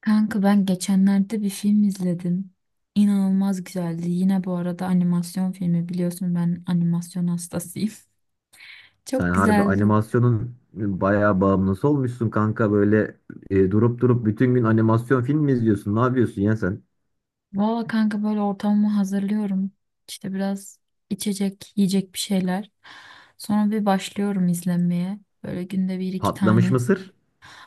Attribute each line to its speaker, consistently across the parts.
Speaker 1: Kanka ben geçenlerde bir film izledim. İnanılmaz güzeldi. Yine bu arada animasyon filmi biliyorsun ben animasyon hastasıyım.
Speaker 2: Sen
Speaker 1: Çok
Speaker 2: harbi
Speaker 1: güzeldi.
Speaker 2: animasyonun bayağı bağımlısı olmuşsun kanka. Böyle durup durup bütün gün animasyon film mi izliyorsun? Ne yapıyorsun ya sen?
Speaker 1: Valla kanka böyle ortamımı hazırlıyorum. İşte biraz içecek, yiyecek bir şeyler. Sonra bir başlıyorum izlenmeye. Böyle günde bir iki
Speaker 2: Patlamış
Speaker 1: tane.
Speaker 2: mısır?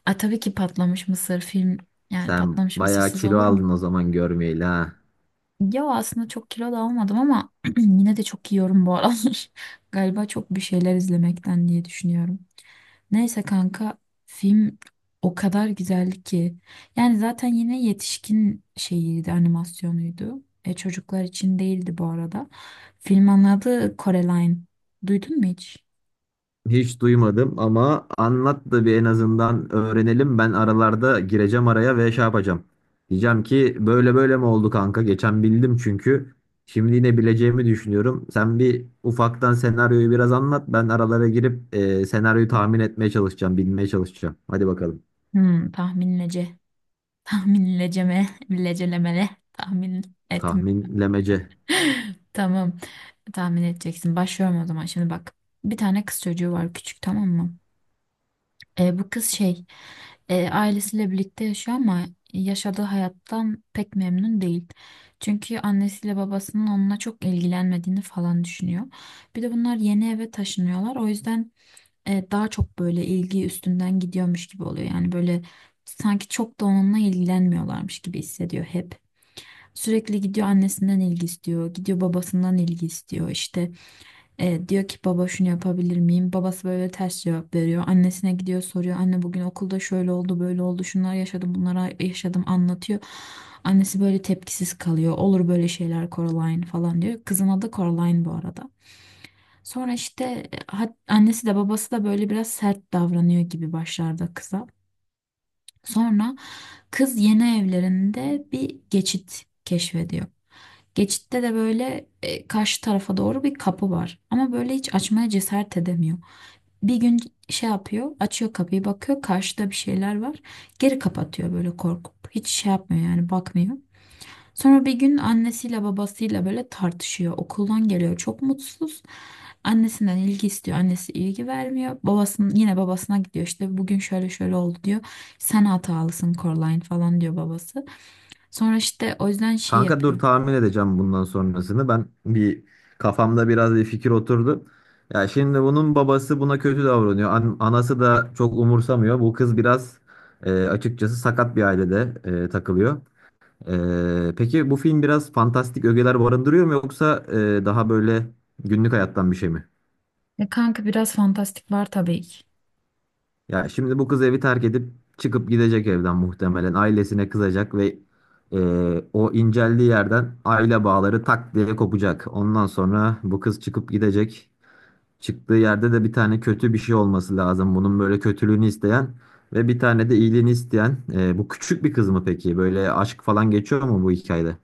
Speaker 1: Ay tabii ki patlamış mısır film. Yani
Speaker 2: Sen
Speaker 1: patlamış
Speaker 2: bayağı
Speaker 1: mısırsız
Speaker 2: kilo
Speaker 1: olur mu?
Speaker 2: aldın o zaman görmeyeli ha.
Speaker 1: Ya aslında çok kilo da almadım ama yine de çok yiyorum bu aralar. Galiba çok bir şeyler izlemekten diye düşünüyorum. Neyse kanka film o kadar güzel ki. Yani zaten yine yetişkin şeyiydi animasyonuydu. Çocuklar için değildi bu arada. Filmin adı Coraline. Duydun mu hiç?
Speaker 2: Hiç duymadım ama anlat da bir en azından öğrenelim. Ben aralarda gireceğim araya ve şey yapacağım. Diyeceğim ki böyle böyle mi oldu kanka? Geçen bildim çünkü. Şimdi yine bileceğimi düşünüyorum. Sen bir ufaktan senaryoyu biraz anlat. Ben aralara girip senaryoyu tahmin etmeye çalışacağım, bilmeye çalışacağım. Hadi bakalım.
Speaker 1: Hmm, tahminlece. Tahminleceme. Lecelemele. Tahmin etme.
Speaker 2: Tahminlemece.
Speaker 1: Tamam. Tahmin edeceksin. Başlıyorum o zaman. Şimdi bak. Bir tane kız çocuğu var küçük tamam mı? Bu kız şey ailesiyle birlikte yaşıyor ama yaşadığı hayattan pek memnun değil. Çünkü annesiyle babasının onunla çok ilgilenmediğini falan düşünüyor. Bir de bunlar yeni eve taşınıyorlar. O yüzden daha çok böyle ilgi üstünden gidiyormuş gibi oluyor. Yani böyle sanki çok da onunla ilgilenmiyorlarmış gibi hissediyor hep. Sürekli gidiyor annesinden ilgi istiyor, gidiyor babasından ilgi istiyor. İşte diyor ki baba şunu yapabilir miyim? Babası böyle ters cevap veriyor. Annesine gidiyor soruyor. Anne bugün okulda şöyle oldu, böyle oldu, şunlar yaşadım, bunlara yaşadım anlatıyor. Annesi böyle tepkisiz kalıyor. Olur böyle şeyler Coraline falan diyor. Kızın adı Coraline bu arada. Sonra işte annesi de babası da böyle biraz sert davranıyor gibi başlarda kıza. Sonra kız yeni evlerinde bir geçit keşfediyor. Geçitte de böyle karşı tarafa doğru bir kapı var. Ama böyle hiç açmaya cesaret edemiyor. Bir gün şey yapıyor, açıyor kapıyı, bakıyor karşıda bir şeyler var. Geri kapatıyor böyle korkup. Hiç şey yapmıyor yani bakmıyor. Sonra bir gün annesiyle babasıyla böyle tartışıyor. Okuldan geliyor çok mutsuz. Annesinden ilgi istiyor. Annesi ilgi vermiyor. Babasının yine babasına gidiyor. İşte bugün şöyle şöyle oldu diyor. Sen hatalısın Coraline falan diyor babası. Sonra işte o yüzden şey
Speaker 2: Kanka dur
Speaker 1: yapıyor.
Speaker 2: tahmin edeceğim bundan sonrasını. Ben bir kafamda biraz bir fikir oturdu. Ya şimdi bunun babası buna kötü davranıyor. Anası da çok umursamıyor. Bu kız biraz açıkçası sakat bir ailede takılıyor. Peki bu film biraz fantastik ögeler barındırıyor mu yoksa daha böyle günlük hayattan bir şey mi?
Speaker 1: E kanka biraz fantastik var tabii ki.
Speaker 2: Ya şimdi bu kız evi terk edip çıkıp gidecek evden muhtemelen. Ailesine kızacak ve e, o inceldiği yerden aile bağları tak diye kopacak. Ondan sonra bu kız çıkıp gidecek. Çıktığı yerde de bir tane kötü bir şey olması lazım. Bunun böyle kötülüğünü isteyen ve bir tane de iyiliğini isteyen. Bu küçük bir kız mı peki? Böyle aşk falan geçiyor mu bu hikayede?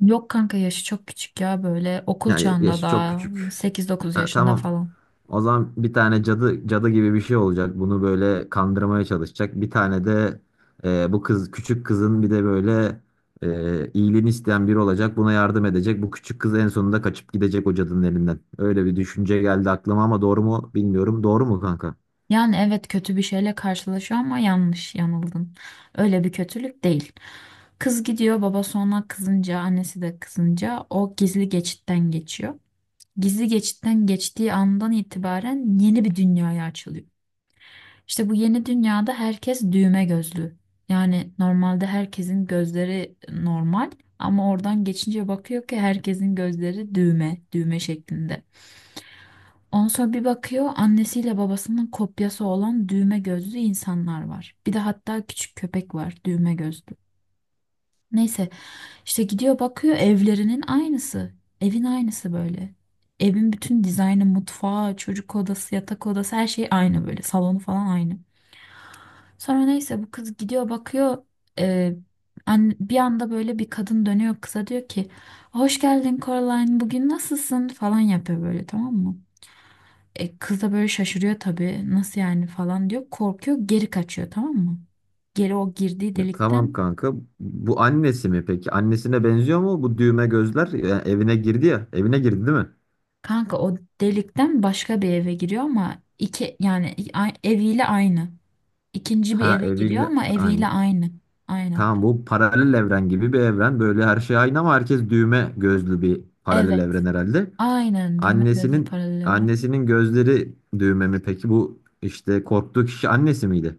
Speaker 1: Yok kanka yaşı çok küçük ya böyle okul çağında
Speaker 2: Yaşı çok
Speaker 1: daha
Speaker 2: küçük.
Speaker 1: sekiz dokuz
Speaker 2: Ha,
Speaker 1: yaşında
Speaker 2: tamam.
Speaker 1: falan.
Speaker 2: O zaman bir tane cadı cadı gibi bir şey olacak. Bunu böyle kandırmaya çalışacak. Bir tane de bu kız küçük kızın bir de böyle iyiliğini isteyen biri olacak. Buna yardım edecek. Bu küçük kız en sonunda kaçıp gidecek o cadının elinden. Öyle bir düşünce geldi aklıma ama doğru mu bilmiyorum. Doğru mu kanka?
Speaker 1: Yani evet kötü bir şeyle karşılaşıyor ama yanlış yanıldın. Öyle bir kötülük değil. Kız gidiyor baba sonra kızınca annesi de kızınca o gizli geçitten geçiyor. Gizli geçitten geçtiği andan itibaren yeni bir dünyaya açılıyor. İşte bu yeni dünyada herkes düğme gözlü. Yani normalde herkesin gözleri normal ama oradan geçince bakıyor ki herkesin gözleri düğme, düğme şeklinde. Ondan sonra bir bakıyor annesiyle babasının kopyası olan düğme gözlü insanlar var. Bir de hatta küçük köpek var düğme gözlü. Neyse işte gidiyor bakıyor evlerinin aynısı. Evin aynısı böyle. Evin bütün dizaynı, mutfağı, çocuk odası, yatak odası her şey aynı böyle. Salonu falan aynı. Sonra neyse bu kız gidiyor bakıyor e, bir anda böyle bir kadın dönüyor kıza diyor ki hoş geldin Coraline bugün nasılsın falan yapıyor böyle tamam mı? Kız da böyle şaşırıyor tabii nasıl yani falan diyor korkuyor geri kaçıyor tamam mı? Geri o girdiği
Speaker 2: Tamam
Speaker 1: delikten
Speaker 2: kanka. Bu annesi mi peki? Annesine benziyor mu bu düğme gözler? Evine girdi ya. Evine girdi değil mi?
Speaker 1: kanka o delikten başka bir eve giriyor ama iki yani eviyle aynı. İkinci bir
Speaker 2: Ha,
Speaker 1: eve giriyor
Speaker 2: eviyle
Speaker 1: ama eviyle
Speaker 2: aynı.
Speaker 1: aynı. Aynen.
Speaker 2: Tamam, bu paralel evren gibi bir evren. Böyle her şey aynı ama herkes düğme gözlü bir paralel
Speaker 1: Evet.
Speaker 2: evren herhalde.
Speaker 1: Aynen düğme gözlü
Speaker 2: Annesinin
Speaker 1: paralel evren.
Speaker 2: annesinin gözleri düğme mi peki? Bu işte korktuğu kişi annesi miydi?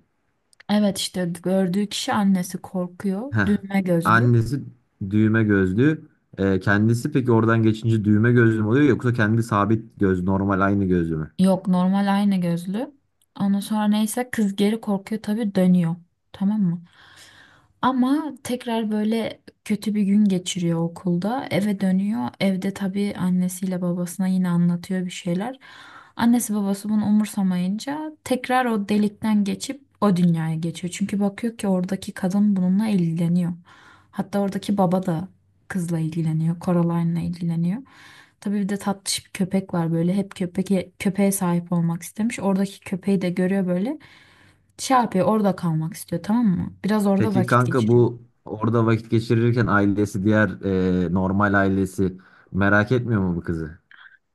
Speaker 1: Evet işte gördüğü kişi annesi korkuyor.
Speaker 2: Heh.
Speaker 1: Düğme gözlü.
Speaker 2: Annesi düğme gözlü. Kendisi peki oradan geçince düğme gözlü mü oluyor yoksa kendi sabit göz normal aynı gözlü mü?
Speaker 1: Yok normal ayna gözlü. Ondan sonra neyse kız geri korkuyor tabii dönüyor. Tamam mı? Ama tekrar böyle kötü bir gün geçiriyor okulda. Eve dönüyor. Evde tabii annesiyle babasına yine anlatıyor bir şeyler. Annesi babası bunu umursamayınca tekrar o delikten geçip o dünyaya geçiyor. Çünkü bakıyor ki oradaki kadın bununla ilgileniyor. Hatta oradaki baba da kızla ilgileniyor. Coraline'la ilgileniyor. Tabii bir de tatlış bir köpek var böyle. Hep köpek köpeğe sahip olmak istemiş. Oradaki köpeği de görüyor böyle. Şey yapıyor orada kalmak istiyor tamam mı? Biraz orada
Speaker 2: Peki
Speaker 1: vakit
Speaker 2: kanka
Speaker 1: geçiriyor.
Speaker 2: bu orada vakit geçirirken ailesi diğer normal ailesi merak etmiyor mu bu kızı?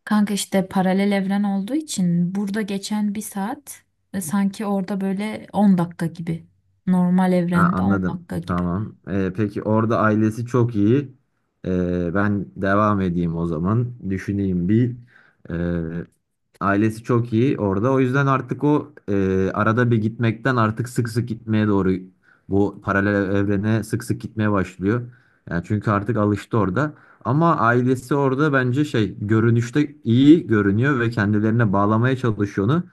Speaker 1: Kanka işte paralel evren olduğu için burada geçen bir saat sanki orada böyle 10 dakika gibi. Normal
Speaker 2: Ha,
Speaker 1: evrende 10
Speaker 2: anladım.
Speaker 1: dakika gibi.
Speaker 2: Tamam. Peki orada ailesi çok iyi. Ben devam edeyim o zaman. Düşüneyim bir. Ee, Ailesi çok iyi orada. O yüzden artık o arada bir gitmekten artık sık sık gitmeye doğru bu paralel evrene sık sık gitmeye başlıyor. Yani çünkü artık alıştı orada. Ama ailesi orada bence şey görünüşte iyi görünüyor ve kendilerine bağlamaya çalışıyor onu.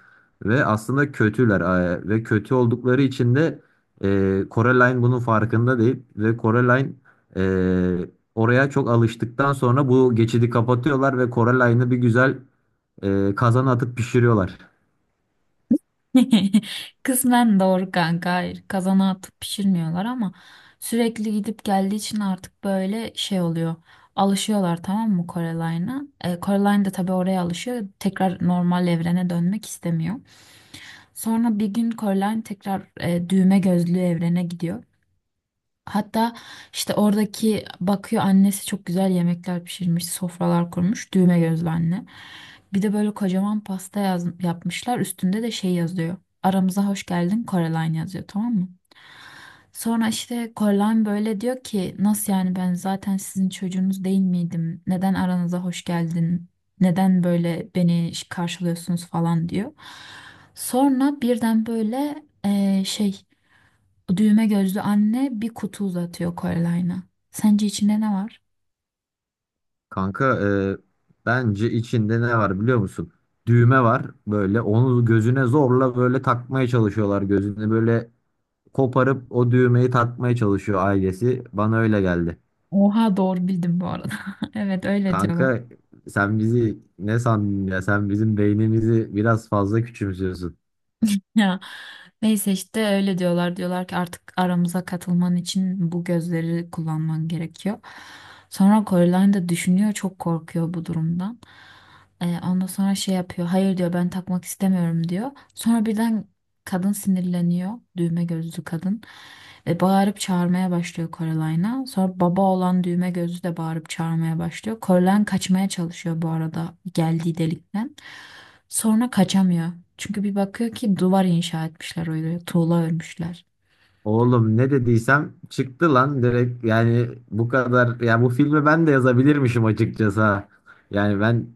Speaker 2: Ve aslında kötüler ve kötü oldukları için de Coraline bunun farkında değil. Ve Coraline e, oraya çok alıştıktan sonra bu geçidi kapatıyorlar ve Coraline'ı bir güzel kazana atıp pişiriyorlar.
Speaker 1: Kısmen doğru kanka. Hayır, kazana atıp pişirmiyorlar ama sürekli gidip geldiği için artık böyle şey oluyor. Alışıyorlar tamam mı Coreline'a? Coraline de tabii oraya alışıyor. Tekrar normal evrene dönmek istemiyor. Sonra bir gün Coraline tekrar düğme gözlü evrene gidiyor. Hatta işte oradaki bakıyor annesi çok güzel yemekler pişirmiş, sofralar kurmuş, düğme gözlü anne. Bir de böyle kocaman pasta yapmışlar. Üstünde de şey yazıyor. Aramıza hoş geldin Coraline yazıyor tamam mı? Sonra işte Coraline böyle diyor ki nasıl yani ben zaten sizin çocuğunuz değil miydim? Neden aranıza hoş geldin? Neden böyle beni karşılıyorsunuz falan diyor. Sonra birden böyle şey düğme gözlü anne bir kutu uzatıyor Coreline'a. Sence içinde ne var?
Speaker 2: Kanka e, bence içinde ne var biliyor musun? Düğme var, böyle onu gözüne zorla böyle takmaya çalışıyorlar. Gözünü böyle koparıp o düğmeyi takmaya çalışıyor ailesi. Bana öyle geldi.
Speaker 1: Oha doğru bildim bu arada. Evet öyle diyorlar.
Speaker 2: Kanka sen bizi ne sandın ya? Sen bizim beynimizi biraz fazla küçümsüyorsun.
Speaker 1: Ya neyse işte öyle diyorlar. Diyorlar ki artık aramıza katılman için bu gözleri kullanman gerekiyor. Sonra Coraline de düşünüyor çok korkuyor bu durumdan. Ondan sonra şey yapıyor. Hayır diyor ben takmak istemiyorum diyor. Sonra birden kadın sinirleniyor. Düğme gözlü kadın. Ve bağırıp çağırmaya başlıyor Coraline'a. Sonra baba olan düğme gözlü de bağırıp çağırmaya başlıyor. Coraline kaçmaya çalışıyor bu arada geldiği delikten. Sonra kaçamıyor. Çünkü bir bakıyor ki duvar inşa etmişler öyle tuğla örmüşler.
Speaker 2: Oğlum ne dediysem çıktı lan direkt, yani bu kadar ya, bu filmi ben de yazabilirmişim açıkçası ha. Yani ben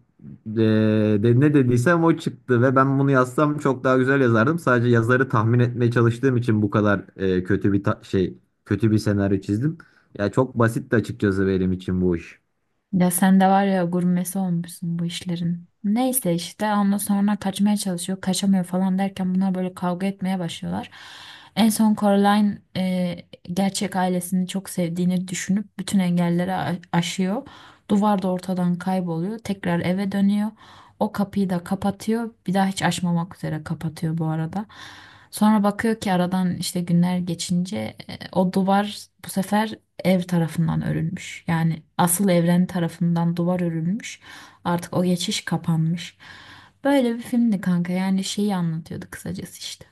Speaker 2: ne dediysem o çıktı ve ben bunu yazsam çok daha güzel yazardım. Sadece yazarı tahmin etmeye çalıştığım için bu kadar kötü bir senaryo çizdim. Ya çok basitti açıkçası benim için bu iş.
Speaker 1: Ya sen de var ya gurmesi olmuşsun bu işlerin. Neyse işte ondan sonra kaçmaya çalışıyor, kaçamıyor falan derken bunlar böyle kavga etmeye başlıyorlar. En son Coraline gerçek ailesini çok sevdiğini düşünüp bütün engelleri aşıyor. Duvar da ortadan kayboluyor. Tekrar eve dönüyor. O kapıyı da kapatıyor. Bir daha hiç açmamak üzere kapatıyor bu arada. Sonra bakıyor ki aradan işte günler geçince o duvar bu sefer ev tarafından örülmüş. Yani asıl evren tarafından duvar örülmüş. Artık o geçiş kapanmış. Böyle bir filmdi kanka. Yani şeyi anlatıyordu kısacası işte.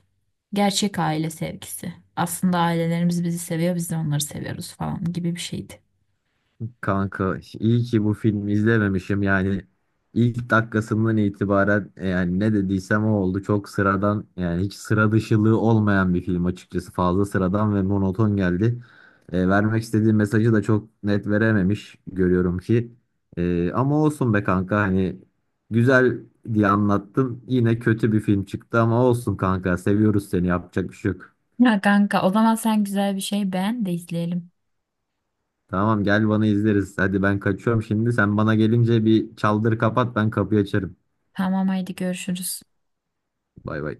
Speaker 1: Gerçek aile sevgisi. Aslında ailelerimiz bizi seviyor, biz de onları seviyoruz falan gibi bir şeydi.
Speaker 2: Kanka iyi ki bu filmi izlememişim. Yani ilk dakikasından itibaren, yani ne dediysem o oldu, çok sıradan, yani hiç sıra dışılığı olmayan bir film. Açıkçası fazla sıradan ve monoton geldi. Vermek istediği mesajı da çok net verememiş, görüyorum ki. Ama olsun be kanka, hani güzel diye anlattım, yine kötü bir film çıktı ama olsun kanka, seviyoruz seni, yapacak bir şey yok.
Speaker 1: Ya kanka, o zaman sen güzel bir şey beğen de izleyelim.
Speaker 2: Tamam, gel bana, izleriz. Hadi ben kaçıyorum şimdi. Sen bana gelince bir çaldır kapat, ben kapıyı açarım.
Speaker 1: Tamam haydi görüşürüz.
Speaker 2: Bay bay.